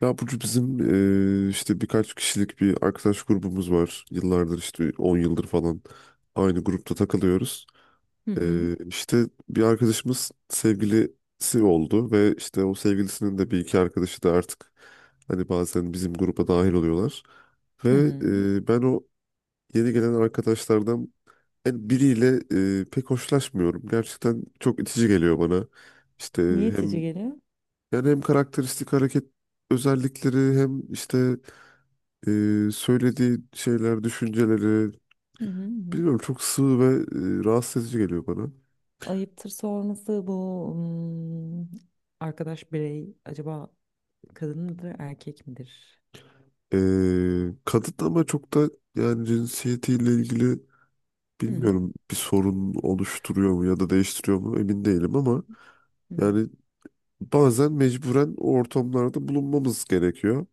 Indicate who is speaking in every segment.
Speaker 1: Ya Burcu bizim işte birkaç kişilik bir arkadaş grubumuz var. Yıllardır işte 10 yıldır falan aynı grupta takılıyoruz.
Speaker 2: Hı hı.
Speaker 1: İşte bir arkadaşımız sevgilisi oldu ve işte o sevgilisinin de bir iki arkadaşı da artık hani bazen bizim gruba dahil oluyorlar.
Speaker 2: Hı
Speaker 1: Ve
Speaker 2: hı.
Speaker 1: ben o yeni gelen arkadaşlardan en biriyle pek hoşlaşmıyorum. Gerçekten çok itici geliyor bana. İşte
Speaker 2: Niye itici
Speaker 1: hem
Speaker 2: geliyor?
Speaker 1: yani hem karakteristik hareket özellikleri hem işte söylediği şeyler, düşünceleri
Speaker 2: Hı hı hı.
Speaker 1: bilmiyorum çok sığ ve rahatsız edici geliyor bana.
Speaker 2: Ayıptır sorması, bu arkadaş birey acaba kadın mıdır, erkek midir?
Speaker 1: Kadın ama çok da yani cinsiyetiyle ilgili
Speaker 2: Hı hı.
Speaker 1: bilmiyorum bir sorun oluşturuyor mu ya da değiştiriyor mu emin değilim ama
Speaker 2: Hı hı.
Speaker 1: yani bazen mecburen o ortamlarda bulunmamız gerekiyor.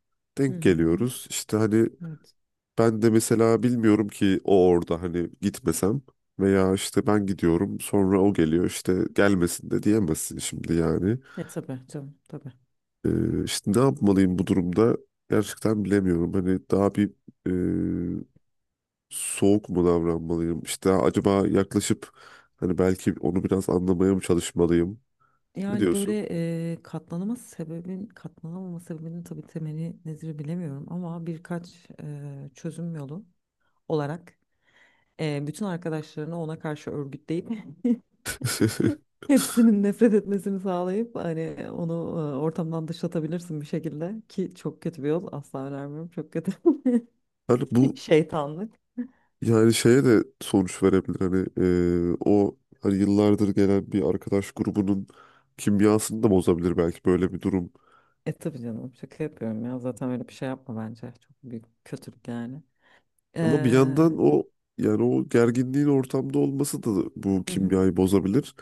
Speaker 2: Hı
Speaker 1: Denk
Speaker 2: hı.
Speaker 1: geliyoruz. İşte hani
Speaker 2: Evet.
Speaker 1: ben de mesela bilmiyorum ki o orada hani gitmesem veya işte ben gidiyorum sonra o geliyor işte gelmesin de diyemezsin şimdi yani.
Speaker 2: Tabii canım, tabii.
Speaker 1: İşte ne yapmalıyım bu durumda gerçekten bilemiyorum. Hani daha bir e, soğuk mu davranmalıyım? İşte acaba yaklaşıp hani belki onu biraz anlamaya mı çalışmalıyım? Ne
Speaker 2: Yani
Speaker 1: diyorsun?
Speaker 2: böyle katlanamaz sebebin, katlanamama sebebinin tabii temeli nedir bilemiyorum, ama birkaç çözüm yolu olarak bütün arkadaşlarını ona karşı örgütleyip hepsinin nefret etmesini sağlayıp hani onu ortamdan dışlatabilirsin bir şekilde, ki çok kötü bir yol, asla önermiyorum, çok kötü
Speaker 1: Hani bu
Speaker 2: şeytanlık.
Speaker 1: yani şeye de sonuç verebilir. Hani o hani yıllardır gelen bir arkadaş grubunun kimyasını da bozabilir belki böyle bir durum.
Speaker 2: E tabii canım, şaka yapıyorum ya, zaten öyle bir şey yapma, bence çok büyük kötülük yani.
Speaker 1: Ama bir
Speaker 2: Ee,
Speaker 1: yandan o yani o gerginliğin ortamda olması da bu
Speaker 2: hı hı.
Speaker 1: kimyayı bozabilir.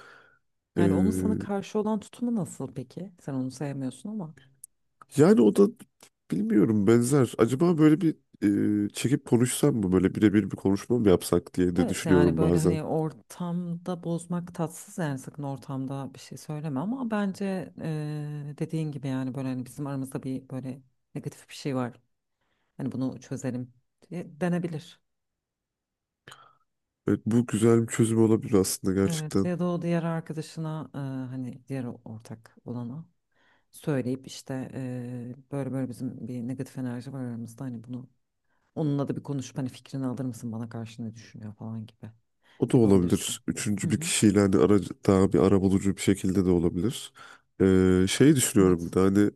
Speaker 1: Ee,
Speaker 2: Yani onun sana karşı olan tutumu nasıl peki? Sen onu sevmiyorsun ama.
Speaker 1: Yani o da bilmiyorum benzer. Acaba böyle bir çekip konuşsam mı? Böyle birebir bir konuşma mı yapsak diye de
Speaker 2: Evet yani
Speaker 1: düşünüyorum
Speaker 2: böyle
Speaker 1: bazen.
Speaker 2: hani ortamda bozmak tatsız, yani sakın ortamda bir şey söyleme, ama bence dediğin gibi, yani böyle hani bizim aramızda bir böyle negatif bir şey var, hani bunu çözelim diye denebilir.
Speaker 1: Evet, bu güzel bir çözüm olabilir aslında
Speaker 2: Evet,
Speaker 1: gerçekten.
Speaker 2: ya da o diğer arkadaşına hani diğer ortak olana söyleyip, işte böyle böyle bizim bir negatif enerji var aramızda, hani bunu onunla da bir konuşup hani fikrini alır mısın, bana karşı ne düşünüyor falan gibi
Speaker 1: O da
Speaker 2: yapabilirsin.
Speaker 1: olabilir. Üçüncü
Speaker 2: Hı
Speaker 1: bir
Speaker 2: hı.
Speaker 1: kişiyle hani aracı, daha bir arabulucu bir şekilde de olabilir. Şey düşünüyorum bir
Speaker 2: Evet.
Speaker 1: de hani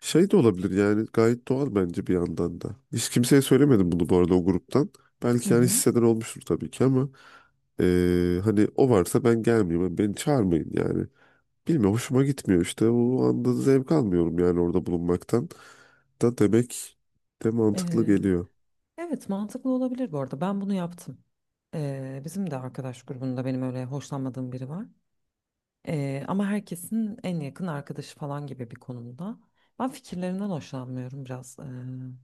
Speaker 1: şey de olabilir yani gayet doğal bence bir yandan da. Hiç kimseye söylemedim bunu bu arada o gruptan.
Speaker 2: Hı
Speaker 1: Belki yani
Speaker 2: hı.
Speaker 1: hisseden olmuştur tabii ki ama hani o varsa ben gelmeyeyim, hani beni çağırmayın yani. Bilmiyorum hoşuma gitmiyor işte. O anda zevk almıyorum yani orada bulunmaktan. Da demek de mantıklı
Speaker 2: Ee,
Speaker 1: geliyor.
Speaker 2: evet, mantıklı olabilir. Bu arada ben bunu yaptım. Bizim de arkadaş grubunda benim öyle hoşlanmadığım biri var. Ama herkesin en yakın arkadaşı falan gibi bir konumda. Ben fikirlerinden hoşlanmıyorum, biraz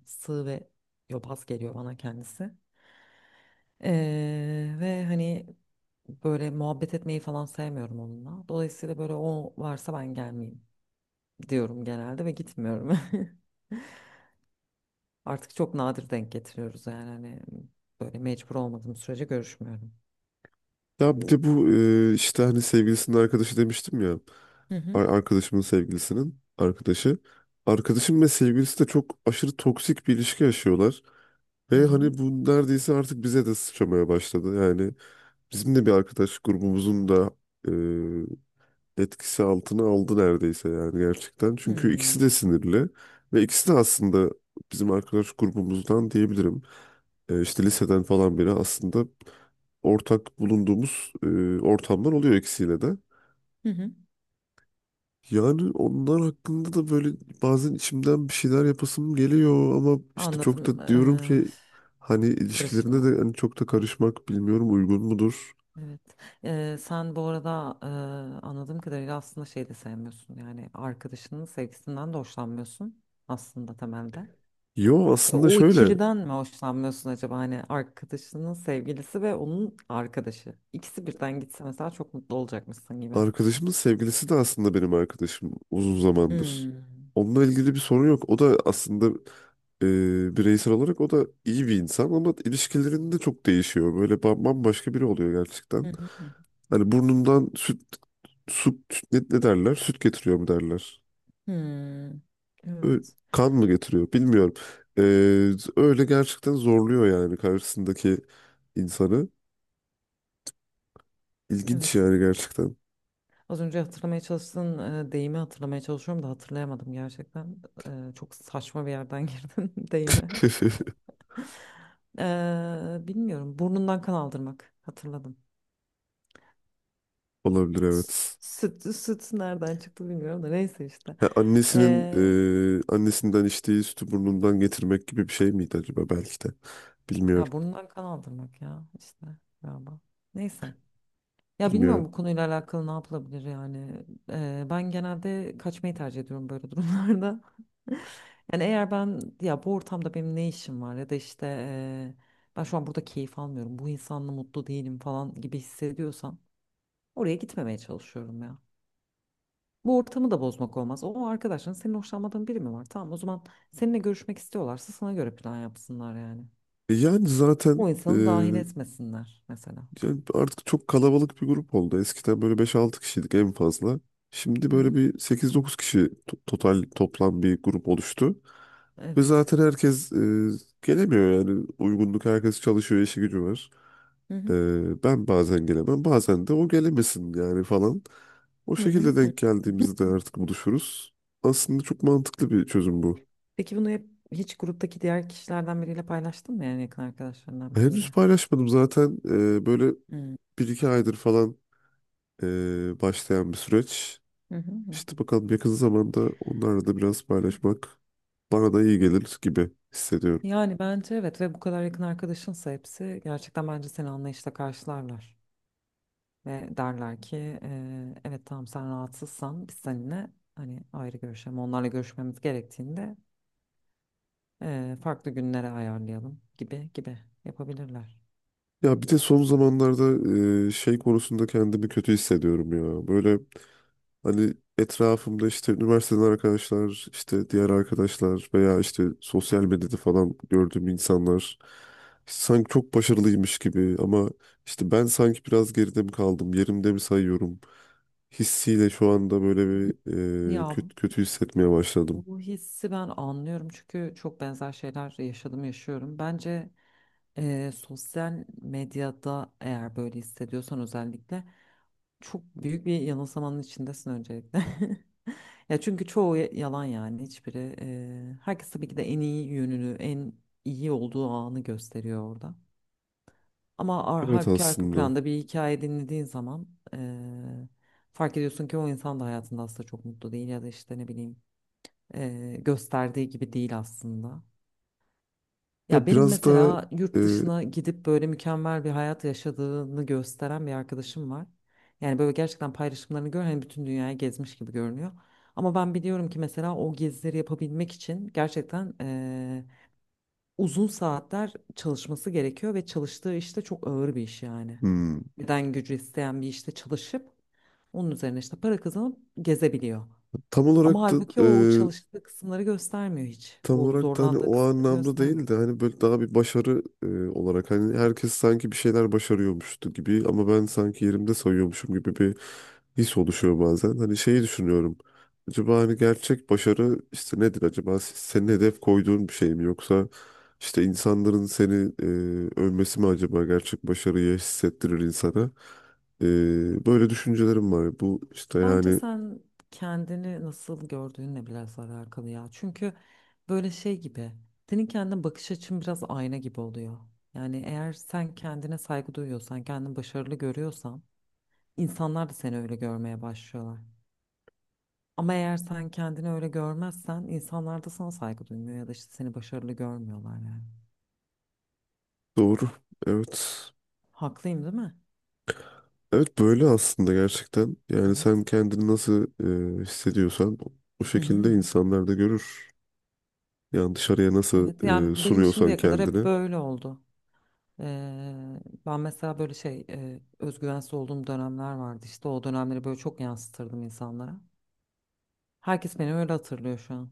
Speaker 2: sığ ve yobaz geliyor bana kendisi. Ve hani böyle muhabbet etmeyi falan sevmiyorum onunla. Dolayısıyla böyle o varsa ben gelmeyeyim diyorum genelde ve gitmiyorum. Artık çok nadir denk getiriyoruz, yani hani böyle mecbur olmadığım sürece görüşmüyorum.
Speaker 1: Ya bir de bu işte hani sevgilisinin arkadaşı demiştim ya.
Speaker 2: Hı hı
Speaker 1: Arkadaşımın sevgilisinin arkadaşı. Arkadaşım ve sevgilisi de çok aşırı toksik bir ilişki yaşıyorlar.
Speaker 2: hı
Speaker 1: Ve
Speaker 2: hı.
Speaker 1: hani bu neredeyse artık bize de sıçramaya başladı. Yani bizim de bir arkadaş grubumuzun da e, etkisi altına aldı neredeyse yani gerçekten. Çünkü ikisi de
Speaker 2: Hmm.
Speaker 1: sinirli ve ikisi de aslında bizim arkadaş grubumuzdan diyebilirim. İşte liseden falan beri aslında ortak bulunduğumuz ortamlar oluyor ikisiyle de.
Speaker 2: Hı hı.
Speaker 1: Yani onlar hakkında da böyle bazen içimden bir şeyler yapasım geliyor ama işte çok
Speaker 2: Anladım.
Speaker 1: da diyorum ki hani ilişkilerine
Speaker 2: Karışma.
Speaker 1: de hani çok da karışmak bilmiyorum uygun mudur?
Speaker 2: Evet. Sen bu arada anladığım kadarıyla aslında şey de sevmiyorsun. Yani arkadaşının sevgisinden de hoşlanmıyorsun aslında temelde.
Speaker 1: Yo,
Speaker 2: Ya,
Speaker 1: aslında
Speaker 2: o
Speaker 1: şöyle.
Speaker 2: ikiliden mi hoşlanmıyorsun acaba? Hani arkadaşının sevgilisi ve onun arkadaşı. İkisi birden gitse mesela çok mutlu olacakmışsın gibi.
Speaker 1: Arkadaşımın sevgilisi de aslında benim arkadaşım uzun zamandır.
Speaker 2: Hmm.
Speaker 1: Onunla ilgili bir sorun yok. O da aslında bireysel olarak o da iyi bir insan ama ilişkilerinde çok değişiyor. Böyle bambaşka biri oluyor
Speaker 2: Hı
Speaker 1: gerçekten.
Speaker 2: hı hı.
Speaker 1: Hani burnundan süt, su, ne derler? Süt getiriyor mu derler?
Speaker 2: Hmm.
Speaker 1: Ö-
Speaker 2: Evet.
Speaker 1: Kan mı getiriyor? Bilmiyorum. E, Öyle gerçekten zorluyor yani karşısındaki insanı. İlginç
Speaker 2: Evet.
Speaker 1: yani gerçekten.
Speaker 2: Az önce hatırlamaya çalıştığın deyimi hatırlamaya çalışıyorum da hatırlayamadım gerçekten. E, çok saçma bir yerden girdim deyime. Bilmiyorum. Burnundan kan aldırmak. Hatırladım.
Speaker 1: Olabilir evet.
Speaker 2: Süt, süt nereden çıktı bilmiyorum, da neyse işte.
Speaker 1: Ha, annesinin
Speaker 2: Ee,
Speaker 1: annesinden içtiği sütü burnundan getirmek gibi bir şey miydi acaba belki de. Bilmiyorum.
Speaker 2: ya burnundan kan aldırmak ya işte, galiba. Neyse. Ya bilmiyorum
Speaker 1: Bilmiyorum.
Speaker 2: bu konuyla alakalı ne yapılabilir yani. Ben genelde kaçmayı tercih ediyorum böyle durumlarda. Yani eğer ben, ya bu ortamda benim ne işim var, ya da işte ben şu an burada keyif almıyorum, bu insanla mutlu değilim falan gibi hissediyorsam oraya gitmemeye çalışıyorum ya. Bu ortamı da bozmak olmaz. O arkadaşların senin hoşlanmadığın biri mi var? Tamam, o zaman seninle görüşmek istiyorlarsa sana göre plan yapsınlar yani.
Speaker 1: Yani zaten
Speaker 2: O insanı dahil etmesinler mesela.
Speaker 1: yani artık çok kalabalık bir grup oldu. Eskiden böyle beş altı kişiydik en fazla. Şimdi
Speaker 2: Hı
Speaker 1: böyle
Speaker 2: hı.
Speaker 1: bir sekiz dokuz kişi to- total toplam bir grup oluştu. Ve
Speaker 2: Evet.
Speaker 1: zaten herkes gelemiyor yani. Uygunluk herkes çalışıyor, işi gücü var.
Speaker 2: Hı hı.
Speaker 1: Ben bazen gelemem, bazen de o gelemesin yani falan. O
Speaker 2: Hı
Speaker 1: şekilde
Speaker 2: hı hı.
Speaker 1: denk geldiğimizde artık buluşuruz. Aslında çok mantıklı bir çözüm bu.
Speaker 2: Peki bunu hep hiç gruptaki diğer kişilerden biriyle paylaştın mı, yani yakın arkadaşlarından
Speaker 1: Henüz
Speaker 2: biriyle?
Speaker 1: paylaşmadım zaten böyle
Speaker 2: Hı.
Speaker 1: bir iki aydır falan başlayan bir süreç.
Speaker 2: Hı hı hı.
Speaker 1: İşte bakalım yakın zamanda onlarla da biraz paylaşmak bana da iyi gelir gibi hissediyorum.
Speaker 2: Yani bence evet, ve bu kadar yakın arkadaşınsa hepsi, gerçekten bence seni anlayışla karşılarlar. Ve derler ki evet, tamam, sen rahatsızsan biz seninle hani ayrı görüşelim. Onlarla görüşmemiz gerektiğinde farklı günlere ayarlayalım gibi gibi yapabilirler.
Speaker 1: Ya bir de son zamanlarda şey konusunda kendimi kötü hissediyorum ya. Böyle hani etrafımda işte üniversiteden arkadaşlar, işte diğer arkadaşlar veya işte sosyal medyada falan gördüğüm insanlar sanki çok başarılıymış gibi ama işte ben sanki biraz geride mi kaldım, yerimde mi sayıyorum hissiyle şu anda böyle bir
Speaker 2: Ya
Speaker 1: kötü, kötü hissetmeye başladım.
Speaker 2: bu hissi ben anlıyorum, çünkü çok benzer şeyler yaşadım, yaşıyorum. Bence sosyal medyada eğer böyle hissediyorsan, özellikle çok büyük bir yanılsamanın içindesin öncelikle. Ya çünkü çoğu yalan yani hiçbiri. Herkes tabii ki de en iyi yönünü, en iyi olduğu anı gösteriyor orada. Ama ar
Speaker 1: Evet
Speaker 2: halbuki arka
Speaker 1: aslında.
Speaker 2: planda bir hikaye dinlediğin zaman fark ediyorsun ki o insan da hayatında aslında çok mutlu değil, ya da işte ne bileyim gösterdiği gibi değil aslında. Ya
Speaker 1: Ya
Speaker 2: benim
Speaker 1: biraz da
Speaker 2: mesela
Speaker 1: e,
Speaker 2: yurt dışına gidip böyle mükemmel bir hayat yaşadığını gösteren bir arkadaşım var. Yani böyle gerçekten paylaşımlarını gör, hani bütün dünyayı gezmiş gibi görünüyor. Ama ben biliyorum ki mesela o gezileri yapabilmek için gerçekten uzun saatler çalışması gerekiyor, ve çalıştığı işte çok ağır bir iş yani.
Speaker 1: hmm,
Speaker 2: Beden gücü isteyen bir işte çalışıp onun üzerine işte para kazanıp gezebiliyor.
Speaker 1: tam olarak
Speaker 2: Ama
Speaker 1: da
Speaker 2: halbuki o çalıştığı kısımları göstermiyor hiç.
Speaker 1: tam
Speaker 2: O
Speaker 1: olarak da hani
Speaker 2: zorlandığı
Speaker 1: o
Speaker 2: kısımları
Speaker 1: anlamda değil
Speaker 2: göstermiyor.
Speaker 1: de hani böyle daha bir başarı olarak hani herkes sanki bir şeyler başarıyormuştu gibi ama ben sanki yerimde sayıyormuşum gibi bir his oluşuyor bazen. Hani şeyi düşünüyorum. Acaba hani gerçek başarı işte nedir acaba senin hedef koyduğun bir şey mi yoksa işte insanların seni e, övmesi mi acaba gerçek başarıyı hissettirir insana? Böyle düşüncelerim var. Bu işte
Speaker 2: Bence
Speaker 1: yani
Speaker 2: sen kendini nasıl gördüğünle biraz alakalı ya. Çünkü böyle şey gibi, senin kendine bakış açın biraz ayna gibi oluyor. Yani eğer sen kendine saygı duyuyorsan, kendini başarılı görüyorsan, insanlar da seni öyle görmeye başlıyorlar. Ama eğer sen kendini öyle görmezsen, insanlar da sana saygı duymuyor, ya da işte seni başarılı görmüyorlar yani.
Speaker 1: doğru. Evet.
Speaker 2: Haklıyım değil mi?
Speaker 1: Evet böyle aslında gerçekten. Yani sen
Speaker 2: Evet.
Speaker 1: kendini nasıl hissediyorsan o
Speaker 2: Hı
Speaker 1: şekilde
Speaker 2: hı.
Speaker 1: insanlar da görür. Yani dışarıya nasıl
Speaker 2: Evet, yani benim
Speaker 1: sunuyorsan
Speaker 2: şimdiye kadar hep
Speaker 1: kendini.
Speaker 2: böyle oldu. Eee, ben mesela böyle şey özgüvensiz olduğum dönemler vardı, işte o dönemleri böyle çok yansıtırdım insanlara. Herkes beni öyle hatırlıyor şu an.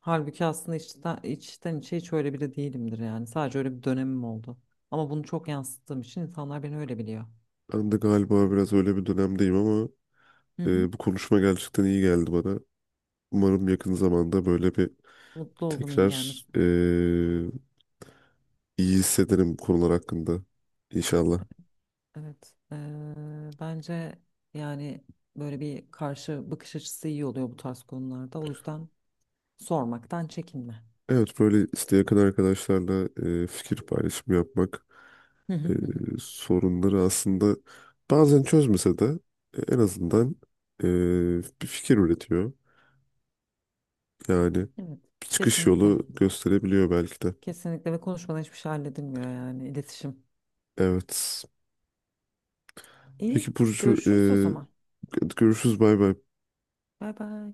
Speaker 2: Halbuki aslında içten, içten içe hiç öyle biri değilimdir yani. Sadece öyle bir dönemim oldu. Ama bunu çok yansıttığım için insanlar beni öyle biliyor.
Speaker 1: Ben de galiba biraz öyle bir dönemdeyim ama
Speaker 2: Hı hı.
Speaker 1: bu konuşma gerçekten iyi geldi bana. Umarım yakın zamanda böyle bir
Speaker 2: Mutlu oldum, iyi
Speaker 1: tekrar
Speaker 2: gelmesin.
Speaker 1: iyi hissederim bu konular hakkında. İnşallah.
Speaker 2: Evet. Bence yani böyle bir karşı bakış açısı iyi oluyor bu tarz konularda. O yüzden sormaktan çekinme.
Speaker 1: Evet böyle işte yakın arkadaşlarla fikir paylaşımı yapmak
Speaker 2: Hı hı
Speaker 1: e,
Speaker 2: hı hı.
Speaker 1: sorunları aslında bazen çözmese de en azından e, bir fikir üretiyor. Yani
Speaker 2: Evet.
Speaker 1: bir çıkış
Speaker 2: Kesinlikle.
Speaker 1: yolu gösterebiliyor belki de.
Speaker 2: Kesinlikle, ve konuşmadan hiçbir şey halledilmiyor, yani iletişim.
Speaker 1: Evet. Peki
Speaker 2: İyi.
Speaker 1: Burcu,
Speaker 2: Görüşürüz o zaman.
Speaker 1: görüşürüz bay bay.
Speaker 2: Bay bay.